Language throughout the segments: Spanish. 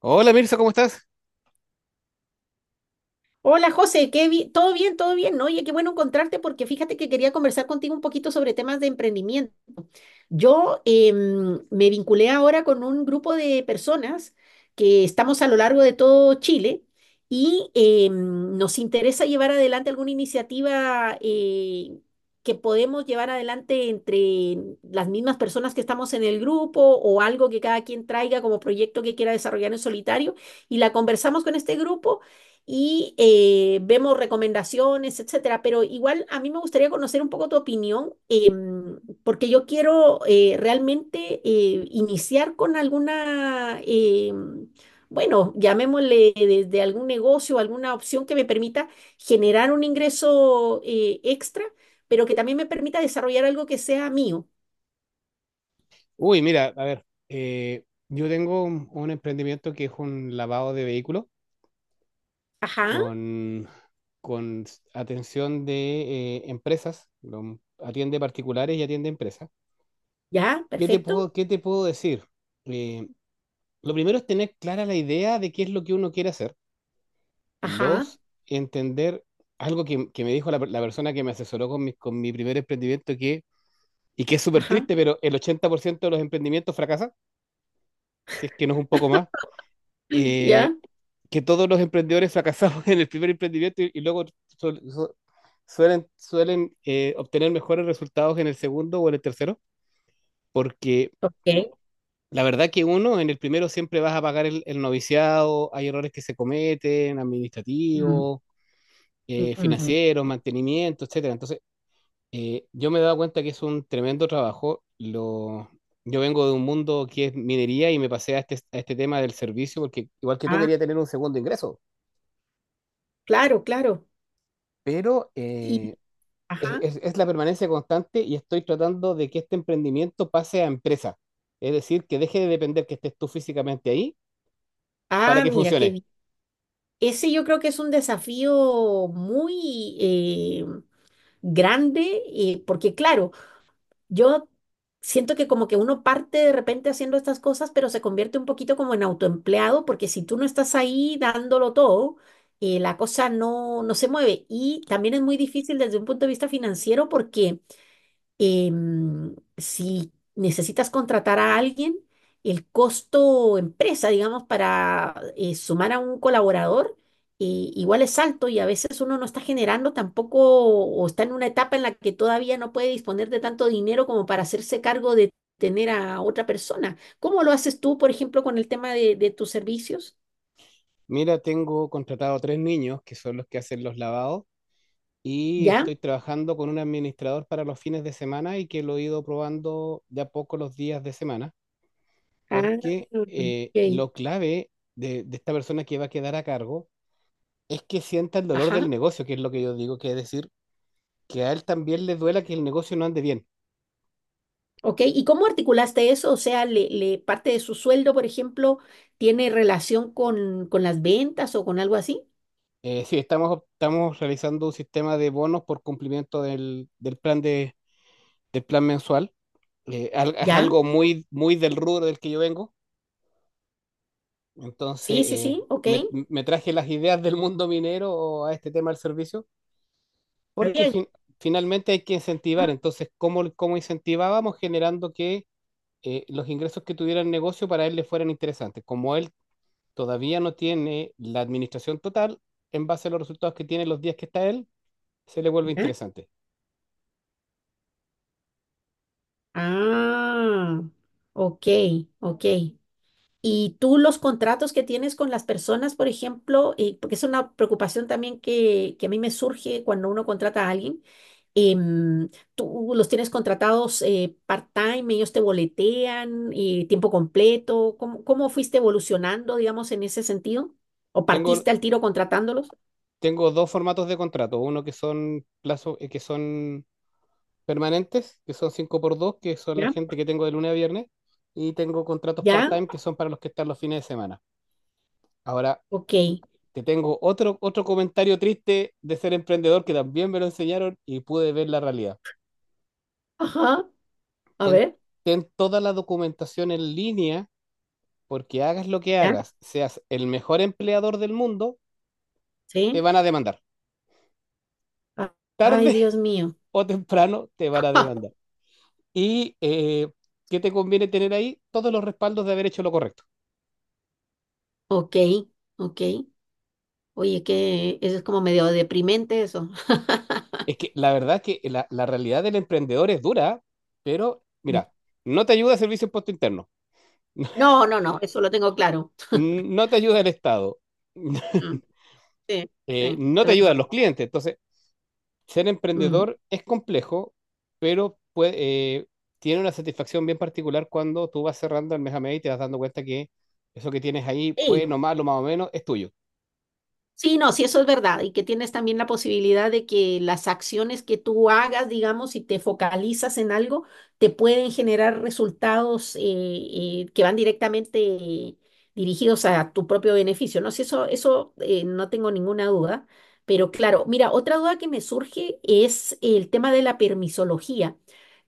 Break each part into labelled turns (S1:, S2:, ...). S1: Hola Mirza, ¿cómo estás?
S2: Hola José, ¿todo bien? ¿Todo bien? ¿No? Oye, qué bueno encontrarte porque fíjate que quería conversar contigo un poquito sobre temas de emprendimiento. Yo me vinculé ahora con un grupo de personas que estamos a lo largo de todo Chile y nos interesa llevar adelante alguna iniciativa que podemos llevar adelante entre las mismas personas que estamos en el grupo o algo que cada quien traiga como proyecto que quiera desarrollar en solitario y la conversamos con este grupo. Y vemos recomendaciones, etcétera. Pero igual a mí me gustaría conocer un poco tu opinión. Porque yo quiero realmente iniciar con alguna, bueno, llamémosle desde algún negocio, alguna opción que me permita generar un ingreso extra, pero que también me permita desarrollar algo que sea mío.
S1: Uy, mira, a ver, yo tengo un emprendimiento que es un lavado de vehículos
S2: Ajá,
S1: con, con atención de empresas. Atiende particulares y atiende empresas.
S2: ya,
S1: ¿Qué te puedo,
S2: perfecto.
S1: qué te puedo decir? Eh, lo primero es tener clara la idea de qué es lo que uno quiere hacer.
S2: Ajá,
S1: Dos, entender algo que me dijo la persona que me asesoró con con mi primer emprendimiento y que es súper
S2: ajá,
S1: triste, pero el 80% de los emprendimientos fracasan, si es que no es un poco más. eh,
S2: ya,
S1: que todos los emprendedores fracasamos en el primer emprendimiento y luego suelen obtener mejores resultados en el segundo o en el tercero, porque
S2: ok.
S1: la verdad que uno, en el primero siempre vas a pagar el noviciado. Hay errores que se cometen:
S2: Mm.
S1: administrativos,
S2: Mm.
S1: financieros, mantenimiento, etcétera. Entonces, yo me he dado cuenta que es un tremendo trabajo. Yo vengo de un mundo que es minería y me pasé a este tema del servicio porque igual que tú
S2: Ah,
S1: quería tener un segundo ingreso.
S2: claro, claro.
S1: Pero
S2: Y,
S1: es,
S2: ajá.
S1: es- es la permanencia constante, y estoy tratando de que este emprendimiento pase a empresa. Es decir, que deje de depender que estés tú físicamente ahí para
S2: Ah,
S1: que
S2: mira, qué
S1: funcione.
S2: bien. Ese yo creo que es un desafío muy, grande y porque claro, yo siento que como que uno parte de repente haciendo estas cosas, pero se convierte un poquito como en autoempleado porque si tú no estás ahí dándolo todo, la cosa no, no se mueve. Y también es muy difícil desde un punto de vista financiero porque si necesitas contratar a alguien, el costo empresa, digamos, para sumar a un colaborador, igual es alto y a veces uno no está generando tampoco o está en una etapa en la que todavía no puede disponer de tanto dinero como para hacerse cargo de tener a otra persona. ¿Cómo lo haces tú, por ejemplo, con el tema de, tus servicios?
S1: Mira, tengo contratado tres niños que son los que hacen los lavados, y
S2: ¿Ya?
S1: estoy trabajando con un administrador para los fines de semana, y que lo he ido probando de a poco los días de semana,
S2: Ah,
S1: porque
S2: ok.
S1: lo clave de esta persona que va a quedar a cargo es que sienta el dolor del
S2: Ajá.
S1: negocio, que es lo que yo digo, que es decir, que a él también le duela que el negocio no ande bien.
S2: ¿Ok? ¿Y cómo articulaste eso? O sea, parte de su sueldo, por ejemplo, ¿tiene relación con las ventas o con algo así?
S1: Sí, estamos realizando un sistema de bonos por cumplimiento del plan mensual. Es
S2: ¿Ya?
S1: algo muy, muy del rubro del que yo vengo. Entonces,
S2: Sí, sí, sí, ok.
S1: me traje las ideas del mundo minero a este tema del servicio,
S2: Está
S1: porque
S2: bien.
S1: finalmente hay que incentivar. Entonces, ¿cómo incentivábamos? Generando que los ingresos que tuviera el negocio para él le fueran interesantes. Como él todavía no tiene la administración total, en base a los resultados que tiene los días que está él, se le vuelve
S2: ¿Ya?
S1: interesante.
S2: Ah, ok, ok. Y tú los contratos que tienes con las personas, por ejemplo, porque es una preocupación también que a mí me surge cuando uno contrata a alguien, em, ¿tú los tienes contratados part-time, ellos te boletean, tiempo completo, cómo fuiste evolucionando, digamos, en ese sentido? ¿O
S1: Tengo,
S2: partiste al tiro contratándolos?
S1: tengo dos formatos de contrato: uno que son plazo, que son permanentes, que son 5x2, que son la
S2: ¿Ya?
S1: gente que tengo de lunes a viernes, y tengo contratos
S2: ¿Ya?
S1: part-time que son para los que están los fines de semana. Ahora,
S2: Ok.
S1: te tengo otro comentario triste de ser emprendedor que también me lo enseñaron y pude ver la realidad.
S2: Ajá. A
S1: Ten,
S2: ver.
S1: ten toda la documentación en línea, porque hagas lo que
S2: ¿Ya?
S1: hagas, seas el mejor empleador del mundo, te
S2: Sí.
S1: van a demandar.
S2: Ah. Ay,
S1: Tarde
S2: Dios mío.
S1: o temprano te van a
S2: Ja.
S1: demandar. ¿Y qué te conviene tener ahí? Todos los respaldos de haber hecho lo correcto.
S2: Ok, ok. Oye, que eso es como medio deprimente eso.
S1: Es que la verdad que la realidad del emprendedor es dura, pero
S2: Mm.
S1: mira, no te ayuda el Servicio de Impuesto Interno,
S2: No, no, no, eso lo tengo claro.
S1: no te ayuda el Estado,
S2: Mm. Sí, sí, es
S1: no te
S2: verdad.
S1: ayudan los clientes. Entonces, ser
S2: Mm.
S1: emprendedor es complejo, pero eh, tiene una satisfacción bien particular cuando tú vas cerrando el mes a mes y te vas dando cuenta que eso que tienes ahí,
S2: Sí.
S1: bueno, malo, más o menos, es tuyo.
S2: Sí, no, sí, eso es verdad. Y que tienes también la posibilidad de que las acciones que tú hagas, digamos, si te focalizas en algo, te pueden generar resultados que van directamente dirigidos a tu propio beneficio. No sé, eso no tengo ninguna duda. Pero claro, mira, otra duda que me surge es el tema de la permisología.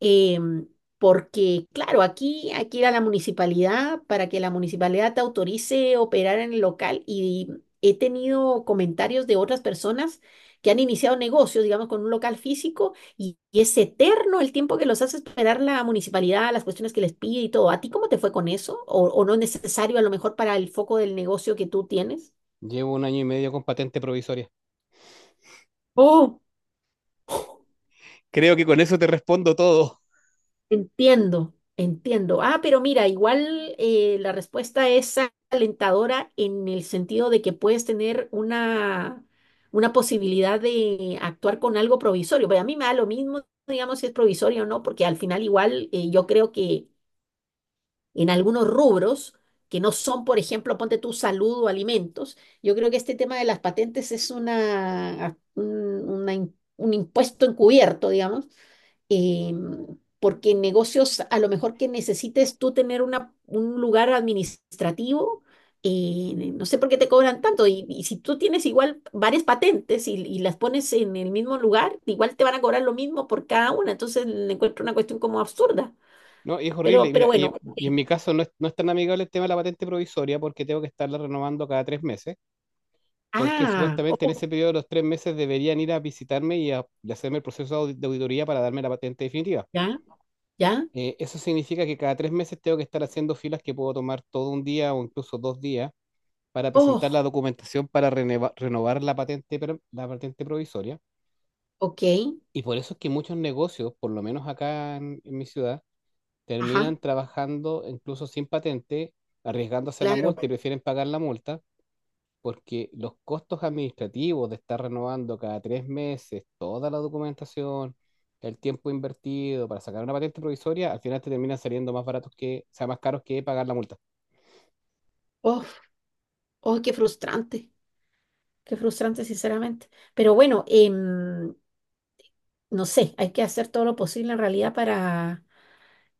S2: em, Porque, claro, aquí hay que ir a la municipalidad para que la municipalidad te autorice operar en el local y he tenido comentarios de otras personas que han iniciado negocios, digamos, con un local físico y es eterno el tiempo que los hace esperar la municipalidad, las cuestiones que les pide y todo. ¿A ti cómo te fue con eso? O no es necesario a lo mejor para el foco del negocio que tú tienes?
S1: Llevo un año y medio con patente provisoria.
S2: Oh.
S1: Creo que con eso te respondo todo.
S2: Entiendo, entiendo. Ah, pero mira, igual la respuesta es alentadora en el sentido de que puedes tener una posibilidad de actuar con algo provisorio. Pero a mí me da lo mismo, digamos, si es provisorio o no, porque al final igual yo creo que en algunos rubros que no son, por ejemplo, ponte tu salud o alimentos, yo creo que este tema de las patentes es una, un, un impuesto encubierto, digamos, porque en negocios a lo mejor que necesites tú tener una, un lugar administrativo, no sé por qué te cobran tanto, y, si tú tienes igual varias patentes y, las pones en el mismo lugar, igual te van a cobrar lo mismo por cada una, entonces le encuentro una cuestión como absurda,
S1: No, y es horrible. y
S2: pero
S1: Mira, y,
S2: bueno,
S1: y en
S2: ok.
S1: mi caso no es tan amigable el tema de la patente provisoria, porque tengo que estarla renovando cada 3 meses, porque
S2: Ah.
S1: supuestamente en
S2: Oh.
S1: ese periodo de los 3 meses deberían ir a visitarme y hacerme el proceso de auditoría para darme la patente definitiva.
S2: Ya, ya.
S1: Eso significa que cada 3 meses tengo que estar haciendo filas, que puedo tomar todo un día o incluso 2 días, para presentar
S2: Oh,
S1: la documentación para renovar la patente provisoria.
S2: ok.
S1: Y por eso es que muchos negocios, por lo menos acá en mi ciudad,
S2: Ajá.
S1: terminan trabajando incluso sin patente, arriesgándose a la
S2: Claro.
S1: multa, y prefieren pagar la multa, porque los costos administrativos de estar renovando cada 3 meses toda la documentación, el tiempo invertido para sacar una patente provisoria, al final te terminan saliendo más baratos que, o sea, más caros que pagar la multa.
S2: Oh. Oh, qué frustrante sinceramente, pero bueno, no sé, hay que hacer todo lo posible en realidad para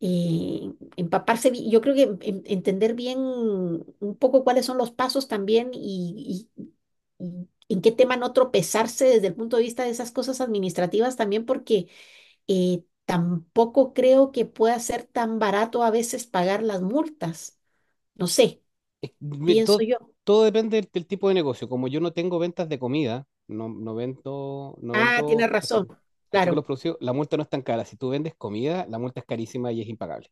S2: eh, empaparse. Yo creo que entender bien un poco cuáles son los pasos también y en qué tema no tropezarse desde el punto de vista de esas cosas administrativas también, porque tampoco creo que pueda ser tan barato a veces pagar las multas. No sé,
S1: Es- me-
S2: pienso
S1: todo,
S2: yo.
S1: todo depende del tipo de negocio. Como yo no tengo ventas de comida, no, no vendo, no
S2: Ah,
S1: vendo
S2: tienes razón,
S1: artículos,
S2: claro.
S1: artículos producidos, la multa no es tan cara. Si tú vendes comida, la multa es carísima y es impagable,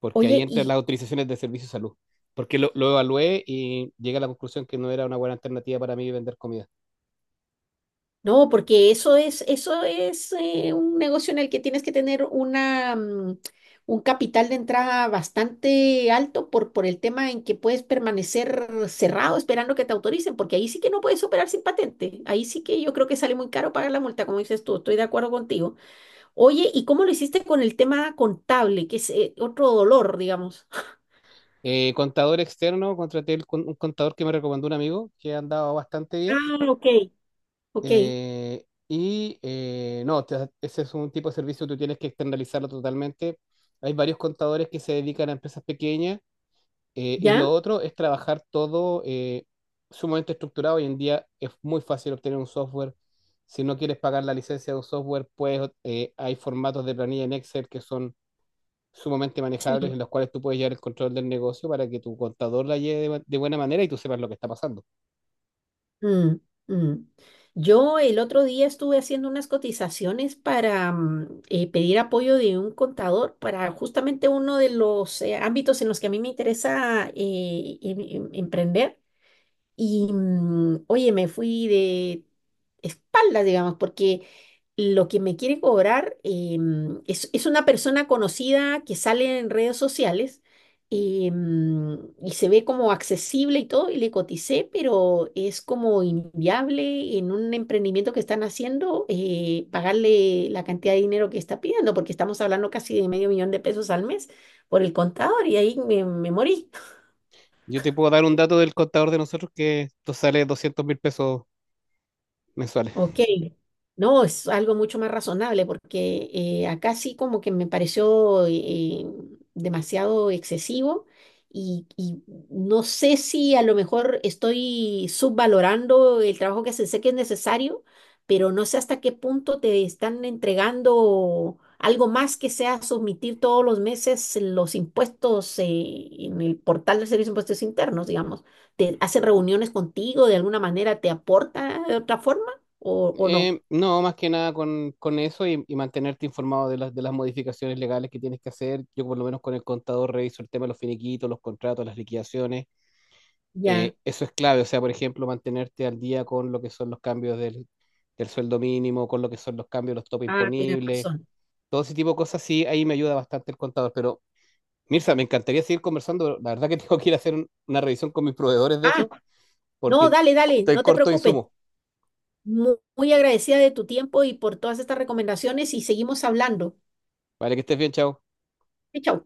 S1: porque ahí
S2: Oye,
S1: entran las
S2: ¿y
S1: autorizaciones de servicio de salud. Porque lo evalué y llegué a la conclusión que no era una buena alternativa para mí vender comida.
S2: No, porque eso es, un negocio en el que tienes que tener una, un capital de entrada bastante alto por, el tema en que puedes permanecer cerrado esperando que te autoricen, porque ahí sí que no puedes operar sin patente. Ahí sí que yo creo que sale muy caro pagar la multa, como dices tú, estoy de acuerdo contigo. Oye, ¿y cómo lo hiciste con el tema contable, que es otro dolor, digamos?
S1: Contador externo, contraté un contador que me recomendó un amigo, que ha andado bastante bien.
S2: Ah, ok, ok.
S1: No, ese es un tipo de servicio que tú tienes que externalizarlo totalmente. Hay varios contadores que se dedican a empresas pequeñas. Y
S2: ¿Ya?
S1: lo otro es trabajar todo sumamente estructurado. Hoy en día es muy fácil obtener un software. Si no quieres pagar la licencia de un software, pues hay formatos de planilla en Excel que son sumamente manejables, en los cuales tú puedes llevar el control del negocio para que tu contador la lleve de buena manera y tú sepas lo que está pasando.
S2: Mm. Mm. Yo el otro día estuve haciendo unas cotizaciones para pedir apoyo de un contador para justamente uno de los ámbitos en los que a mí me interesa emprender. Y oye, me fui de espaldas, digamos, porque lo que me quiere cobrar es, una persona conocida que sale en redes sociales, y se ve como accesible y todo, y le coticé, pero es como inviable en un emprendimiento que están haciendo pagarle la cantidad de dinero que está pidiendo, porque estamos hablando casi de medio millón de pesos al mes por el contador y ahí me morí.
S1: Yo te puedo dar un dato del contador de nosotros, que esto sale 200.000 pesos mensuales.
S2: Ok, no, es algo mucho más razonable porque acá sí como que me pareció demasiado excesivo y, no sé si a lo mejor estoy subvalorando el trabajo que se sé que es necesario, pero no sé hasta qué punto te están entregando algo más que sea submitir todos los meses los impuestos en el portal del Servicio de Impuestos Internos, digamos. ¿Te hacen reuniones contigo de alguna manera? ¿Te aporta de otra forma? O, o no.
S1: No, más que nada con, con eso y mantenerte informado de las modificaciones legales que tienes que hacer. Yo por lo menos con el contador reviso el tema de los finiquitos, los contratos, las liquidaciones.
S2: Ya.
S1: Eso es clave. O sea, por ejemplo, mantenerte al día con lo que son los cambios del sueldo mínimo, con lo que son los cambios de los topes
S2: Ah, tienes
S1: imponibles,
S2: razón.
S1: todo ese tipo de cosas. Sí, ahí me ayuda bastante el contador. Pero, Mirza, me encantaría seguir conversando, pero la verdad que tengo que ir a hacer una revisión con mis proveedores, de
S2: Ah,
S1: hecho,
S2: no,
S1: porque
S2: dale, dale,
S1: estoy
S2: no te
S1: corto de
S2: preocupes.
S1: insumos.
S2: Muy agradecida de tu tiempo y por todas estas recomendaciones y seguimos hablando.
S1: Vale, que estés bien, chao.
S2: Chau.